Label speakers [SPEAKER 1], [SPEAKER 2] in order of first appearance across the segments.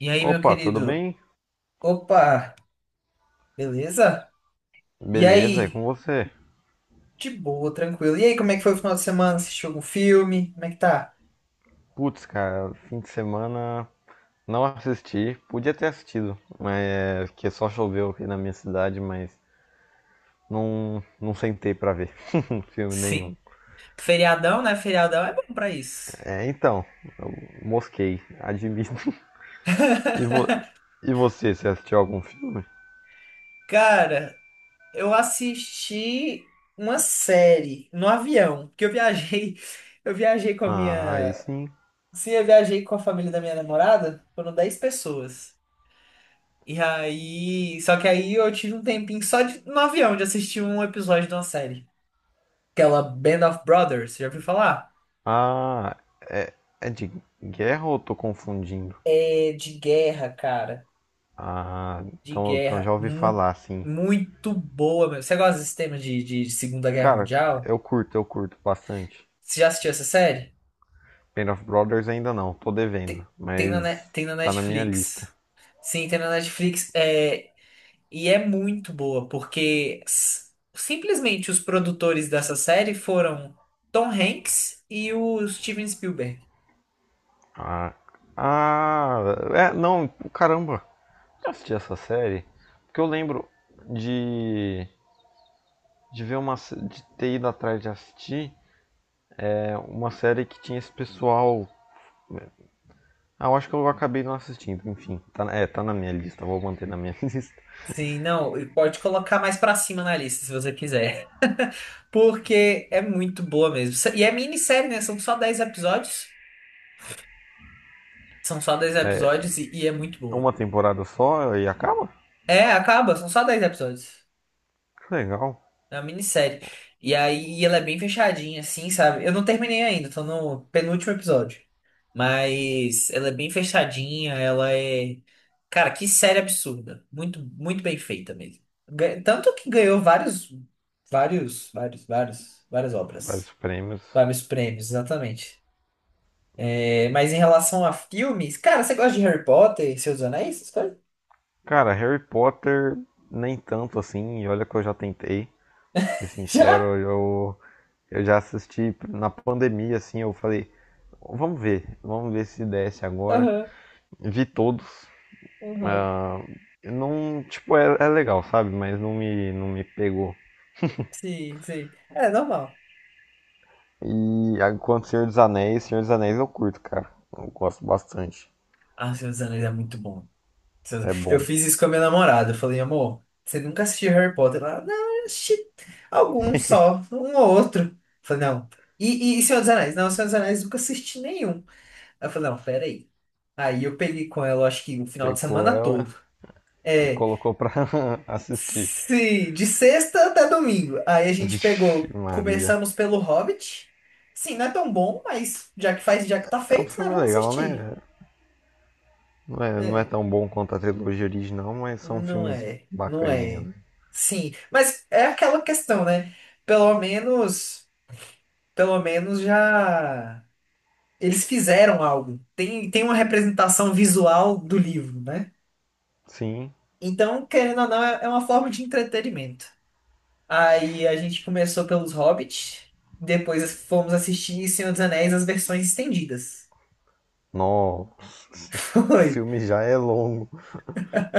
[SPEAKER 1] E aí, meu
[SPEAKER 2] Opa, tudo
[SPEAKER 1] querido?
[SPEAKER 2] bem?
[SPEAKER 1] Opa, beleza? E
[SPEAKER 2] Beleza, e
[SPEAKER 1] aí?
[SPEAKER 2] com você?
[SPEAKER 1] De boa, tranquilo. E aí, como é que foi o final de semana? Assistiu algum filme? Como é que tá?
[SPEAKER 2] Putz, cara, fim de semana não assisti, podia ter assistido, mas é que só choveu aqui na minha cidade, mas não sentei pra ver filme
[SPEAKER 1] Sim.
[SPEAKER 2] nenhum.
[SPEAKER 1] Feriadão, né? Feriadão é bom pra isso.
[SPEAKER 2] É, então, eu mosquei, admito. E, vo- e você, assistiu algum filme?
[SPEAKER 1] Cara, eu assisti uma série no avião, porque eu viajei, eu viajei com a
[SPEAKER 2] Ah, aí
[SPEAKER 1] minha,
[SPEAKER 2] sim.
[SPEAKER 1] sim, eu viajei com a família da minha namorada, foram 10 pessoas. E aí, só que aí eu tive um tempinho só de, no avião de assistir um episódio de uma série. Aquela Band of Brothers, já ouviu falar?
[SPEAKER 2] Ah, é, é de guerra ou eu tô confundindo?
[SPEAKER 1] É de guerra, cara.
[SPEAKER 2] Ah,
[SPEAKER 1] De
[SPEAKER 2] então,
[SPEAKER 1] guerra.
[SPEAKER 2] já ouvi
[SPEAKER 1] Mu-
[SPEAKER 2] falar, sim.
[SPEAKER 1] muito boa, meu. Você gosta desse tema de Segunda Guerra
[SPEAKER 2] Cara,
[SPEAKER 1] Mundial?
[SPEAKER 2] eu curto bastante.
[SPEAKER 1] Você já assistiu essa série?
[SPEAKER 2] Band of Brothers ainda não, tô devendo,
[SPEAKER 1] Tem, tem na, Ne-
[SPEAKER 2] mas
[SPEAKER 1] tem na
[SPEAKER 2] tá na minha lista.
[SPEAKER 1] Netflix. Sim, tem na Netflix. É, e é muito boa, porque simplesmente os produtores dessa série foram Tom Hanks e o Steven Spielberg.
[SPEAKER 2] Ah, ah é, não, caramba, eu assisti essa série porque eu lembro de de ver uma de ter ido atrás de assistir é uma série que tinha esse pessoal, ah, eu acho que eu acabei não assistindo, enfim, tá, é, tá na minha lista, vou manter na minha lista.
[SPEAKER 1] Sim, não, e pode colocar mais pra cima na lista, se você quiser. Porque é muito boa mesmo. E é minissérie, né? São só 10 episódios. São só dez
[SPEAKER 2] É
[SPEAKER 1] episódios e é muito boa.
[SPEAKER 2] uma temporada só e acaba.
[SPEAKER 1] É, acaba, são só 10 episódios.
[SPEAKER 2] Que legal.
[SPEAKER 1] É uma minissérie. E aí ela é bem fechadinha, assim, sabe? Eu não terminei ainda, tô no penúltimo episódio. Mas ela é bem fechadinha, ela é. Cara, que série absurda. Muito, muito bem feita mesmo. Tanto que ganhou várias
[SPEAKER 2] Vários
[SPEAKER 1] obras.
[SPEAKER 2] prêmios.
[SPEAKER 1] Vários prêmios, exatamente. É, mas em relação a filmes, cara, você gosta de Harry Potter e Seus Anéis? Essas coisas?
[SPEAKER 2] Cara, Harry Potter nem tanto assim, e olha que eu já tentei. Pra ser
[SPEAKER 1] Já?
[SPEAKER 2] sincero, eu já assisti na pandemia, assim, eu falei, vamos ver se desce agora.
[SPEAKER 1] Aham,
[SPEAKER 2] Vi todos.
[SPEAKER 1] aham.
[SPEAKER 2] Ah, não, tipo, é, é legal, sabe? Mas não me pegou.
[SPEAKER 1] Sim, sim. É normal.
[SPEAKER 2] Quanto Senhor dos Anéis eu curto, cara. Eu gosto bastante.
[SPEAKER 1] Ah, Seus Anéis é muito bom. Seus-
[SPEAKER 2] É
[SPEAKER 1] Eu
[SPEAKER 2] bom.
[SPEAKER 1] fiz isso com a minha namorada. Eu falei, amor, você nunca assistiu Harry Potter? Ela, não, eu assisti algum só, um ou outro. Eu falei, não. E Senhor dos Anéis? Não, Senhor dos Anéis nunca assisti nenhum. Ela falou, não, peraí. Aí eu peguei com ela, eu acho que o final de
[SPEAKER 2] Pegou
[SPEAKER 1] semana
[SPEAKER 2] ela
[SPEAKER 1] todo.
[SPEAKER 2] e
[SPEAKER 1] É.
[SPEAKER 2] colocou pra assistir.
[SPEAKER 1] Sim, de sexta até domingo. Aí a gente
[SPEAKER 2] Vixe,
[SPEAKER 1] pegou,
[SPEAKER 2] Maria.
[SPEAKER 1] começamos pelo Hobbit. Sim, não é tão bom, mas já que faz, já que tá
[SPEAKER 2] É um
[SPEAKER 1] feito, né?
[SPEAKER 2] filme
[SPEAKER 1] Vamos
[SPEAKER 2] legal,
[SPEAKER 1] assistir.
[SPEAKER 2] né? Não é
[SPEAKER 1] É,
[SPEAKER 2] tão bom quanto a trilogia original, mas são
[SPEAKER 1] não
[SPEAKER 2] filmes
[SPEAKER 1] é, não
[SPEAKER 2] bacaninhos,
[SPEAKER 1] é.
[SPEAKER 2] né?
[SPEAKER 1] Sim, mas é aquela questão, né? Pelo menos, pelo menos já eles fizeram algo. Tem, tem uma representação visual do livro, né?
[SPEAKER 2] Sim,
[SPEAKER 1] Então, querendo ou não, é uma forma de entretenimento. Aí a gente começou pelos Hobbits, depois fomos assistir Senhor dos Anéis as versões estendidas.
[SPEAKER 2] nossa, sim. O
[SPEAKER 1] Foi.
[SPEAKER 2] filme já é longo.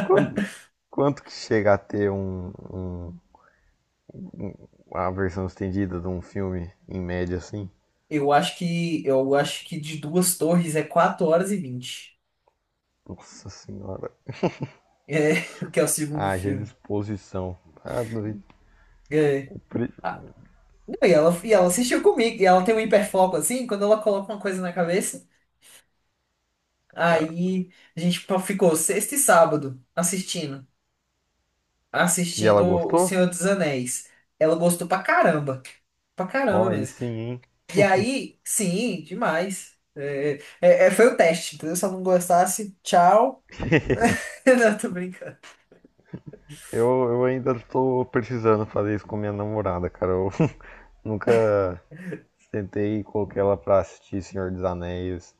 [SPEAKER 2] Quando- Quanto que chega a ter a versão estendida de um filme, em média, assim?
[SPEAKER 1] Eu acho que de Duas Torres é 4 horas e vinte.
[SPEAKER 2] Nossa senhora,
[SPEAKER 1] É, que é o segundo
[SPEAKER 2] haja
[SPEAKER 1] filme.
[SPEAKER 2] disposição. Ah, doido.
[SPEAKER 1] É. Ah, não, e ela assistiu comigo, e ela tem um hiperfoco assim, quando ela coloca uma coisa na cabeça, aí a gente ficou sexta e sábado assistindo,
[SPEAKER 2] E
[SPEAKER 1] assistindo
[SPEAKER 2] ela
[SPEAKER 1] O
[SPEAKER 2] gostou?
[SPEAKER 1] Senhor dos Anéis. Ela gostou pra caramba, pra
[SPEAKER 2] Ó, oh,
[SPEAKER 1] caramba.
[SPEAKER 2] aí sim, hein?
[SPEAKER 1] E aí, sim, demais. É, foi o teste, entendeu? Se eu não gostasse, tchau. Não, tô brincando.
[SPEAKER 2] Eu, eu ainda tô precisando fazer isso com minha namorada, cara. Eu nunca tentei colocar ela pra assistir Senhor dos Anéis.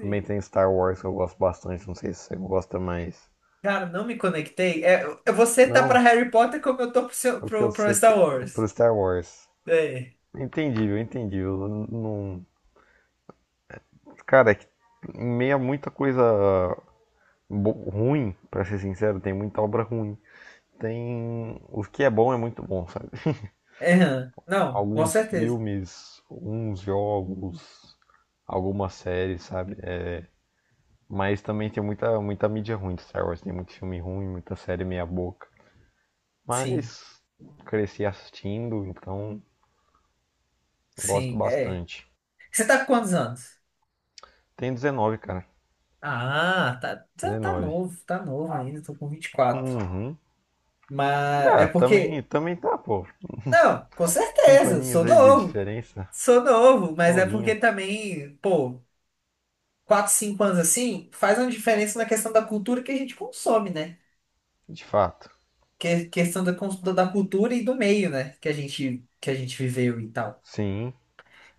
[SPEAKER 2] Também tem Star Wars que eu gosto bastante, não sei se você gosta mais.
[SPEAKER 1] Cara, não me conectei. É, você tá pra
[SPEAKER 2] Não,
[SPEAKER 1] Harry Potter como eu tô pro, seu-
[SPEAKER 2] é o que
[SPEAKER 1] pro, pro
[SPEAKER 2] você.
[SPEAKER 1] Star
[SPEAKER 2] Pro
[SPEAKER 1] Wars.
[SPEAKER 2] Star Wars.
[SPEAKER 1] É.
[SPEAKER 2] Entendível, entendível. Não. Cara, é que em meio a muita coisa ruim, pra ser sincero, tem muita obra ruim. Tem. O que é bom é muito bom, sabe?
[SPEAKER 1] É, hã. Não, com
[SPEAKER 2] Alguns
[SPEAKER 1] certeza.
[SPEAKER 2] filmes, uns jogos, algumas séries, sabe? É, mas também tem muita mídia ruim de Star Wars. Tem muito filme ruim, muita série meia-boca.
[SPEAKER 1] Sim,
[SPEAKER 2] Mas cresci assistindo, então gosto
[SPEAKER 1] sim, é.
[SPEAKER 2] bastante.
[SPEAKER 1] Você tá com quantos anos?
[SPEAKER 2] Tem 19, cara.
[SPEAKER 1] Ah, tá, tá,
[SPEAKER 2] 19.
[SPEAKER 1] tá novo ainda, tô com 24.
[SPEAKER 2] Uhum.
[SPEAKER 1] Mas é
[SPEAKER 2] Ah, também,
[SPEAKER 1] porque.
[SPEAKER 2] também tá, pô.
[SPEAKER 1] Não, com
[SPEAKER 2] Cinco
[SPEAKER 1] certeza, sou
[SPEAKER 2] aninhos aí de
[SPEAKER 1] novo.
[SPEAKER 2] diferença.
[SPEAKER 1] Sou novo, mas é porque
[SPEAKER 2] Novinho,
[SPEAKER 1] também, pô. 4, 5 anos assim, faz uma diferença na questão da cultura que a gente consome, né?
[SPEAKER 2] de fato.
[SPEAKER 1] Que é questão da cultura e do meio, né? Que a gente viveu e tal.
[SPEAKER 2] Sim.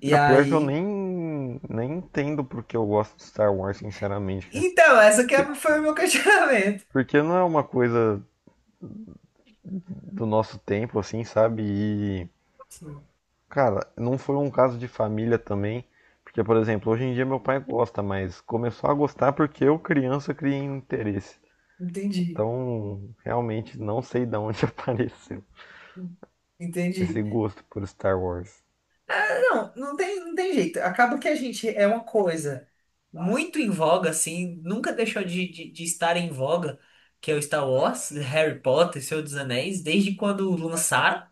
[SPEAKER 1] E
[SPEAKER 2] É, pior é que eu
[SPEAKER 1] aí.
[SPEAKER 2] nem entendo porque eu gosto de Star Wars, sinceramente, cara.
[SPEAKER 1] Então, essa que
[SPEAKER 2] Porque,
[SPEAKER 1] foi o meu questionamento.
[SPEAKER 2] porque não é uma coisa do nosso tempo, assim, sabe? E
[SPEAKER 1] Sim,
[SPEAKER 2] cara, não foi um caso de família também, porque, por exemplo, hoje em dia meu pai gosta, mas começou a gostar porque eu, criança, criei um interesse.
[SPEAKER 1] entendi.
[SPEAKER 2] Então, realmente não sei de onde apareceu esse
[SPEAKER 1] Entendi.
[SPEAKER 2] gosto por Star Wars.
[SPEAKER 1] Não, não tem, não tem jeito. Acaba que a gente é uma coisa muito em voga, assim, nunca deixou de estar em voga, que é o Star Wars, Harry Potter, Senhor dos Anéis, desde quando lançaram,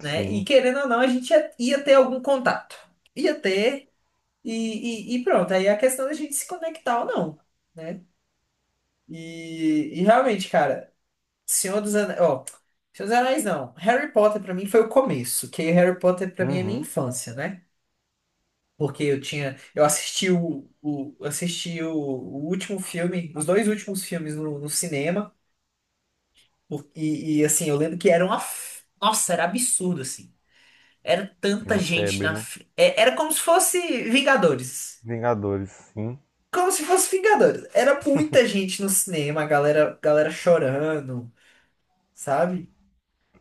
[SPEAKER 1] né? E querendo ou não, a gente ia ter algum contato. Ia ter, e pronto. Aí é a questão da gente se conectar ou não, né? E realmente, cara, Senhor dos Anéis. Ó, Senhor dos Anéis não. Harry Potter pra mim foi o começo, que Harry Potter pra mim é minha
[SPEAKER 2] Uhum.
[SPEAKER 1] infância, né? Porque eu tinha. Eu assisti o último filme, os dois últimos filmes no cinema. E assim, eu lembro que Nossa, era absurdo, assim. Era tanta
[SPEAKER 2] Uma
[SPEAKER 1] gente
[SPEAKER 2] febre,
[SPEAKER 1] na.
[SPEAKER 2] né?
[SPEAKER 1] fi- é, Era como se fosse Vingadores.
[SPEAKER 2] Vingadores, sim.
[SPEAKER 1] Como se fosse Vingadores. Era muita gente no cinema, a galera chorando, sabe?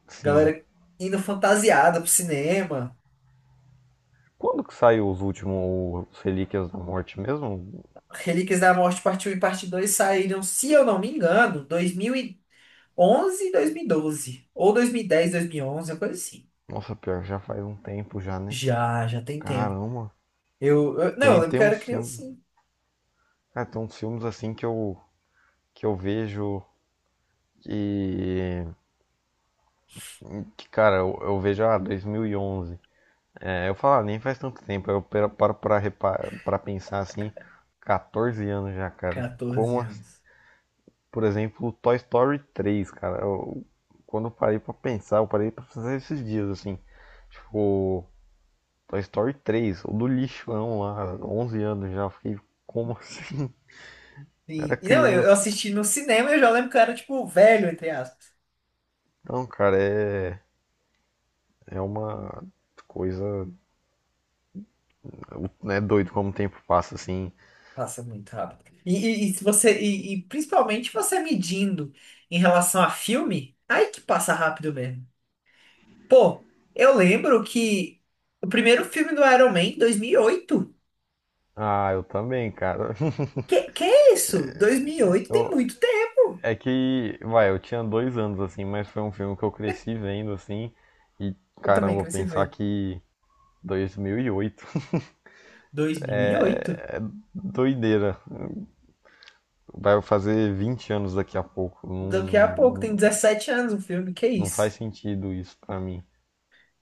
[SPEAKER 2] Sim.
[SPEAKER 1] Galera indo fantasiada pro cinema.
[SPEAKER 2] Quando que saiu os últimos, os Relíquias da Morte mesmo?
[SPEAKER 1] Relíquias da Morte Parte Um e Parte 2 saíram, se eu não me engano, 2011 e 2012. Ou 2010, 2011, uma coisa assim.
[SPEAKER 2] Nossa, pior, já faz um tempo já, né?
[SPEAKER 1] Já tem tempo.
[SPEAKER 2] Caramba.
[SPEAKER 1] Não, eu lembro
[SPEAKER 2] Tem
[SPEAKER 1] que eu era
[SPEAKER 2] uns filmes.
[SPEAKER 1] criancinha.
[SPEAKER 2] Ah, tem uns filmes assim que que eu vejo que, cara, eu vejo, ah, 2011. É, eu falo, ah, nem faz tanto tempo. Eu paro pra, pra pensar assim, 14 anos já, cara.
[SPEAKER 1] 14
[SPEAKER 2] Como, assim,
[SPEAKER 1] anos.
[SPEAKER 2] por exemplo, Toy Story três, cara. Eu, quando eu parei pra pensar, eu parei pra pensar esses dias, assim. Tipo, Toy Story três, o do lixão lá, 11 anos já. Eu fiquei, como assim? Era
[SPEAKER 1] E não, eu
[SPEAKER 2] criança, assim.
[SPEAKER 1] assisti no cinema e eu já lembro que eu era, tipo, velho, entre aspas.
[SPEAKER 2] Então, cara, é, é uma coisa, né, doido como o tempo passa, assim.
[SPEAKER 1] Passa muito rápido. E se você, e principalmente você medindo em relação a filme, aí que passa rápido mesmo. Pô, eu lembro que o primeiro filme do Iron Man, 2008.
[SPEAKER 2] Ah, eu também, cara.
[SPEAKER 1] Que é isso? 2008 tem
[SPEAKER 2] Eu-
[SPEAKER 1] muito tempo.
[SPEAKER 2] é que, vai, eu tinha dois anos, assim, mas foi um filme que eu cresci vendo, assim, e
[SPEAKER 1] Eu também
[SPEAKER 2] caramba,
[SPEAKER 1] cresci
[SPEAKER 2] pensar
[SPEAKER 1] vendo.
[SPEAKER 2] que 2008,
[SPEAKER 1] 2008?
[SPEAKER 2] doideira, vai fazer 20 anos daqui a pouco,
[SPEAKER 1] Daqui a pouco,
[SPEAKER 2] não,
[SPEAKER 1] tem 17 anos o filme. Que
[SPEAKER 2] não
[SPEAKER 1] isso?
[SPEAKER 2] faz sentido isso pra mim.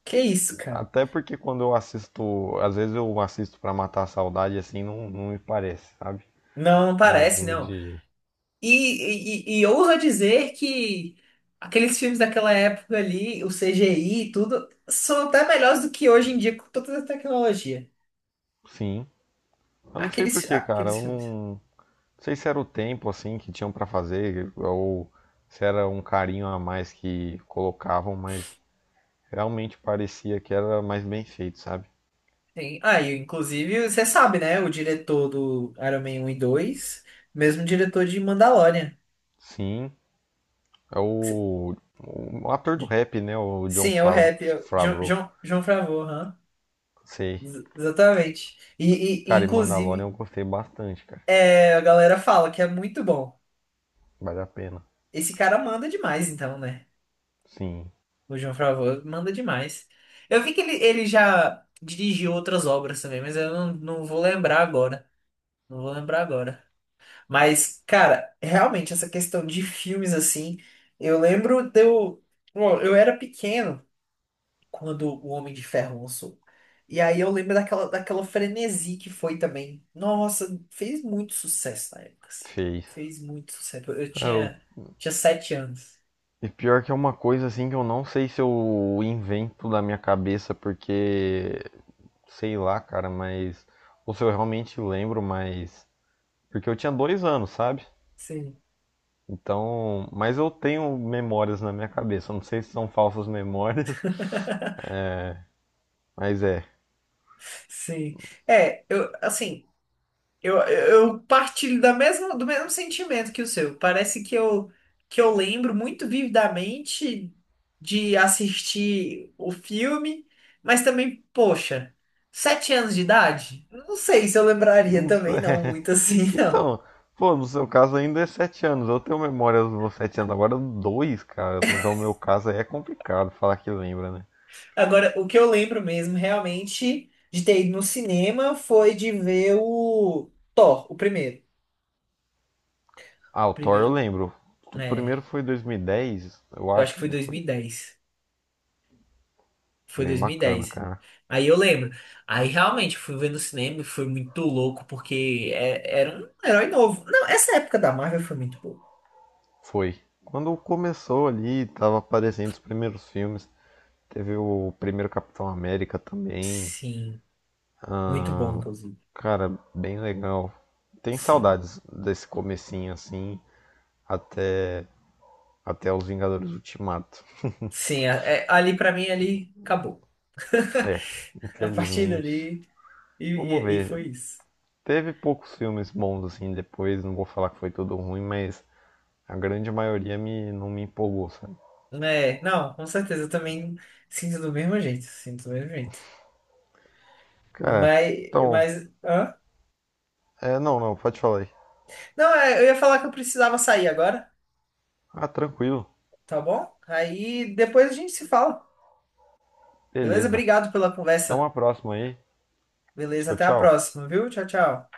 [SPEAKER 1] Que isso, cara?
[SPEAKER 2] Até porque quando eu assisto, às vezes eu assisto pra matar a saudade, assim, não me parece, sabe?
[SPEAKER 1] Não, não
[SPEAKER 2] É um
[SPEAKER 1] parece, né?
[SPEAKER 2] filme de.
[SPEAKER 1] E ousa dizer que aqueles filmes daquela época ali, o CGI e tudo, são até melhores do que hoje em dia com toda a tecnologia.
[SPEAKER 2] Sim, eu não sei por
[SPEAKER 1] Aqueles,
[SPEAKER 2] quê, cara,
[SPEAKER 1] aqueles
[SPEAKER 2] eu
[SPEAKER 1] filmes.
[SPEAKER 2] não. Não sei se era o tempo assim que tinham pra fazer ou se era um carinho a mais que colocavam, mas realmente parecia que era mais bem feito, sabe?
[SPEAKER 1] Tem, ah, e inclusive, você sabe, né? O diretor do Iron Man 1 e dois, mesmo diretor de Mandalorian.
[SPEAKER 2] Sim, é o ator do rap, né? O
[SPEAKER 1] Sim, é o rap, é o John,
[SPEAKER 2] Favreau.
[SPEAKER 1] John, John Favreau, aham.
[SPEAKER 2] Sei.
[SPEAKER 1] Exatamente. E,
[SPEAKER 2] Cara, e Mandalorian eu
[SPEAKER 1] inclusive,
[SPEAKER 2] gostei bastante, cara.
[SPEAKER 1] a galera fala que é muito bom.
[SPEAKER 2] Vale a pena.
[SPEAKER 1] Esse cara manda demais, então, né?
[SPEAKER 2] Sim,
[SPEAKER 1] O John Favreau manda demais. Eu vi que ele já dirigiu outras obras também, mas eu não, não vou lembrar agora. Não vou lembrar agora. Mas, cara, realmente, essa questão de filmes assim. Eu lembro de eu. Bom, eu era pequeno quando o Homem de Ferro lançou. E aí eu lembro daquela frenesi que foi também. Nossa, fez muito sucesso na época, assim.
[SPEAKER 2] fez.
[SPEAKER 1] Fez muito sucesso. Eu
[SPEAKER 2] Cara,
[SPEAKER 1] tinha 7 anos.
[SPEAKER 2] e pior que é uma coisa assim que eu não sei se eu invento da minha cabeça, porque sei lá, cara, mas. Ou se eu realmente lembro, mas porque eu tinha dois anos, sabe?
[SPEAKER 1] Sim.
[SPEAKER 2] Então, mas eu tenho memórias na minha cabeça. Eu Não sei se são falsas memórias, mas é.
[SPEAKER 1] Sim. É, eu, assim. Eu partilho do mesmo sentimento que o seu. Parece que eu lembro muito vividamente de assistir o filme, mas também, poxa, 7 anos de idade? Não sei se eu lembraria
[SPEAKER 2] Não sei.
[SPEAKER 1] também, não, muito assim, não.
[SPEAKER 2] Então, pô, no seu caso ainda é 7 anos. Eu tenho memórias dos 7 anos. Agora dois, cara. No meu caso aí é complicado falar que lembra, né?
[SPEAKER 1] Agora, o que eu lembro mesmo, realmente, de ter ido no cinema foi de ver o Thor, o primeiro.
[SPEAKER 2] Ah, o Thor eu
[SPEAKER 1] Primeiro,
[SPEAKER 2] lembro. O primeiro
[SPEAKER 1] né?
[SPEAKER 2] foi 2010, eu
[SPEAKER 1] Eu acho que
[SPEAKER 2] acho,
[SPEAKER 1] foi
[SPEAKER 2] não
[SPEAKER 1] dois mil e
[SPEAKER 2] foi?
[SPEAKER 1] dez. Foi
[SPEAKER 2] Bem
[SPEAKER 1] dois mil e
[SPEAKER 2] bacana,
[SPEAKER 1] dez.
[SPEAKER 2] cara.
[SPEAKER 1] Aí eu lembro. Aí realmente eu fui ver no cinema e foi muito louco, porque era um herói novo. Não, essa época da Marvel foi muito boa.
[SPEAKER 2] Foi. Quando começou ali, tava aparecendo os primeiros filmes. Teve o primeiro Capitão América também.
[SPEAKER 1] Sim, muito bom, inclusive.
[SPEAKER 2] Cara, bem legal. Tem
[SPEAKER 1] Sim.
[SPEAKER 2] saudades desse comecinho assim, até até os Vingadores Ultimato.
[SPEAKER 1] Sim, ali pra mim, ali acabou.
[SPEAKER 2] É,
[SPEAKER 1] A partir
[SPEAKER 2] infelizmente.
[SPEAKER 1] dali, e,
[SPEAKER 2] Vamos
[SPEAKER 1] e, e
[SPEAKER 2] ver.
[SPEAKER 1] foi isso.
[SPEAKER 2] Teve poucos filmes bons assim depois, não vou falar que foi tudo ruim, mas a grande maioria me não me empolgou, sabe?
[SPEAKER 1] Né? Não, com certeza, eu também sinto do mesmo jeito. Sinto do mesmo jeito.
[SPEAKER 2] Cara,
[SPEAKER 1] Mas,
[SPEAKER 2] então,
[SPEAKER 1] mas, hã?
[SPEAKER 2] é, não, não, pode falar aí.
[SPEAKER 1] Não, eu ia falar que eu precisava sair agora,
[SPEAKER 2] Ah, tranquilo.
[SPEAKER 1] tá bom? Aí depois a gente se fala. Beleza?
[SPEAKER 2] Beleza.
[SPEAKER 1] Obrigado pela
[SPEAKER 2] Até
[SPEAKER 1] conversa.
[SPEAKER 2] uma próxima aí.
[SPEAKER 1] Beleza,
[SPEAKER 2] Tchau,
[SPEAKER 1] até a
[SPEAKER 2] tchau.
[SPEAKER 1] próxima, viu? Tchau, tchau.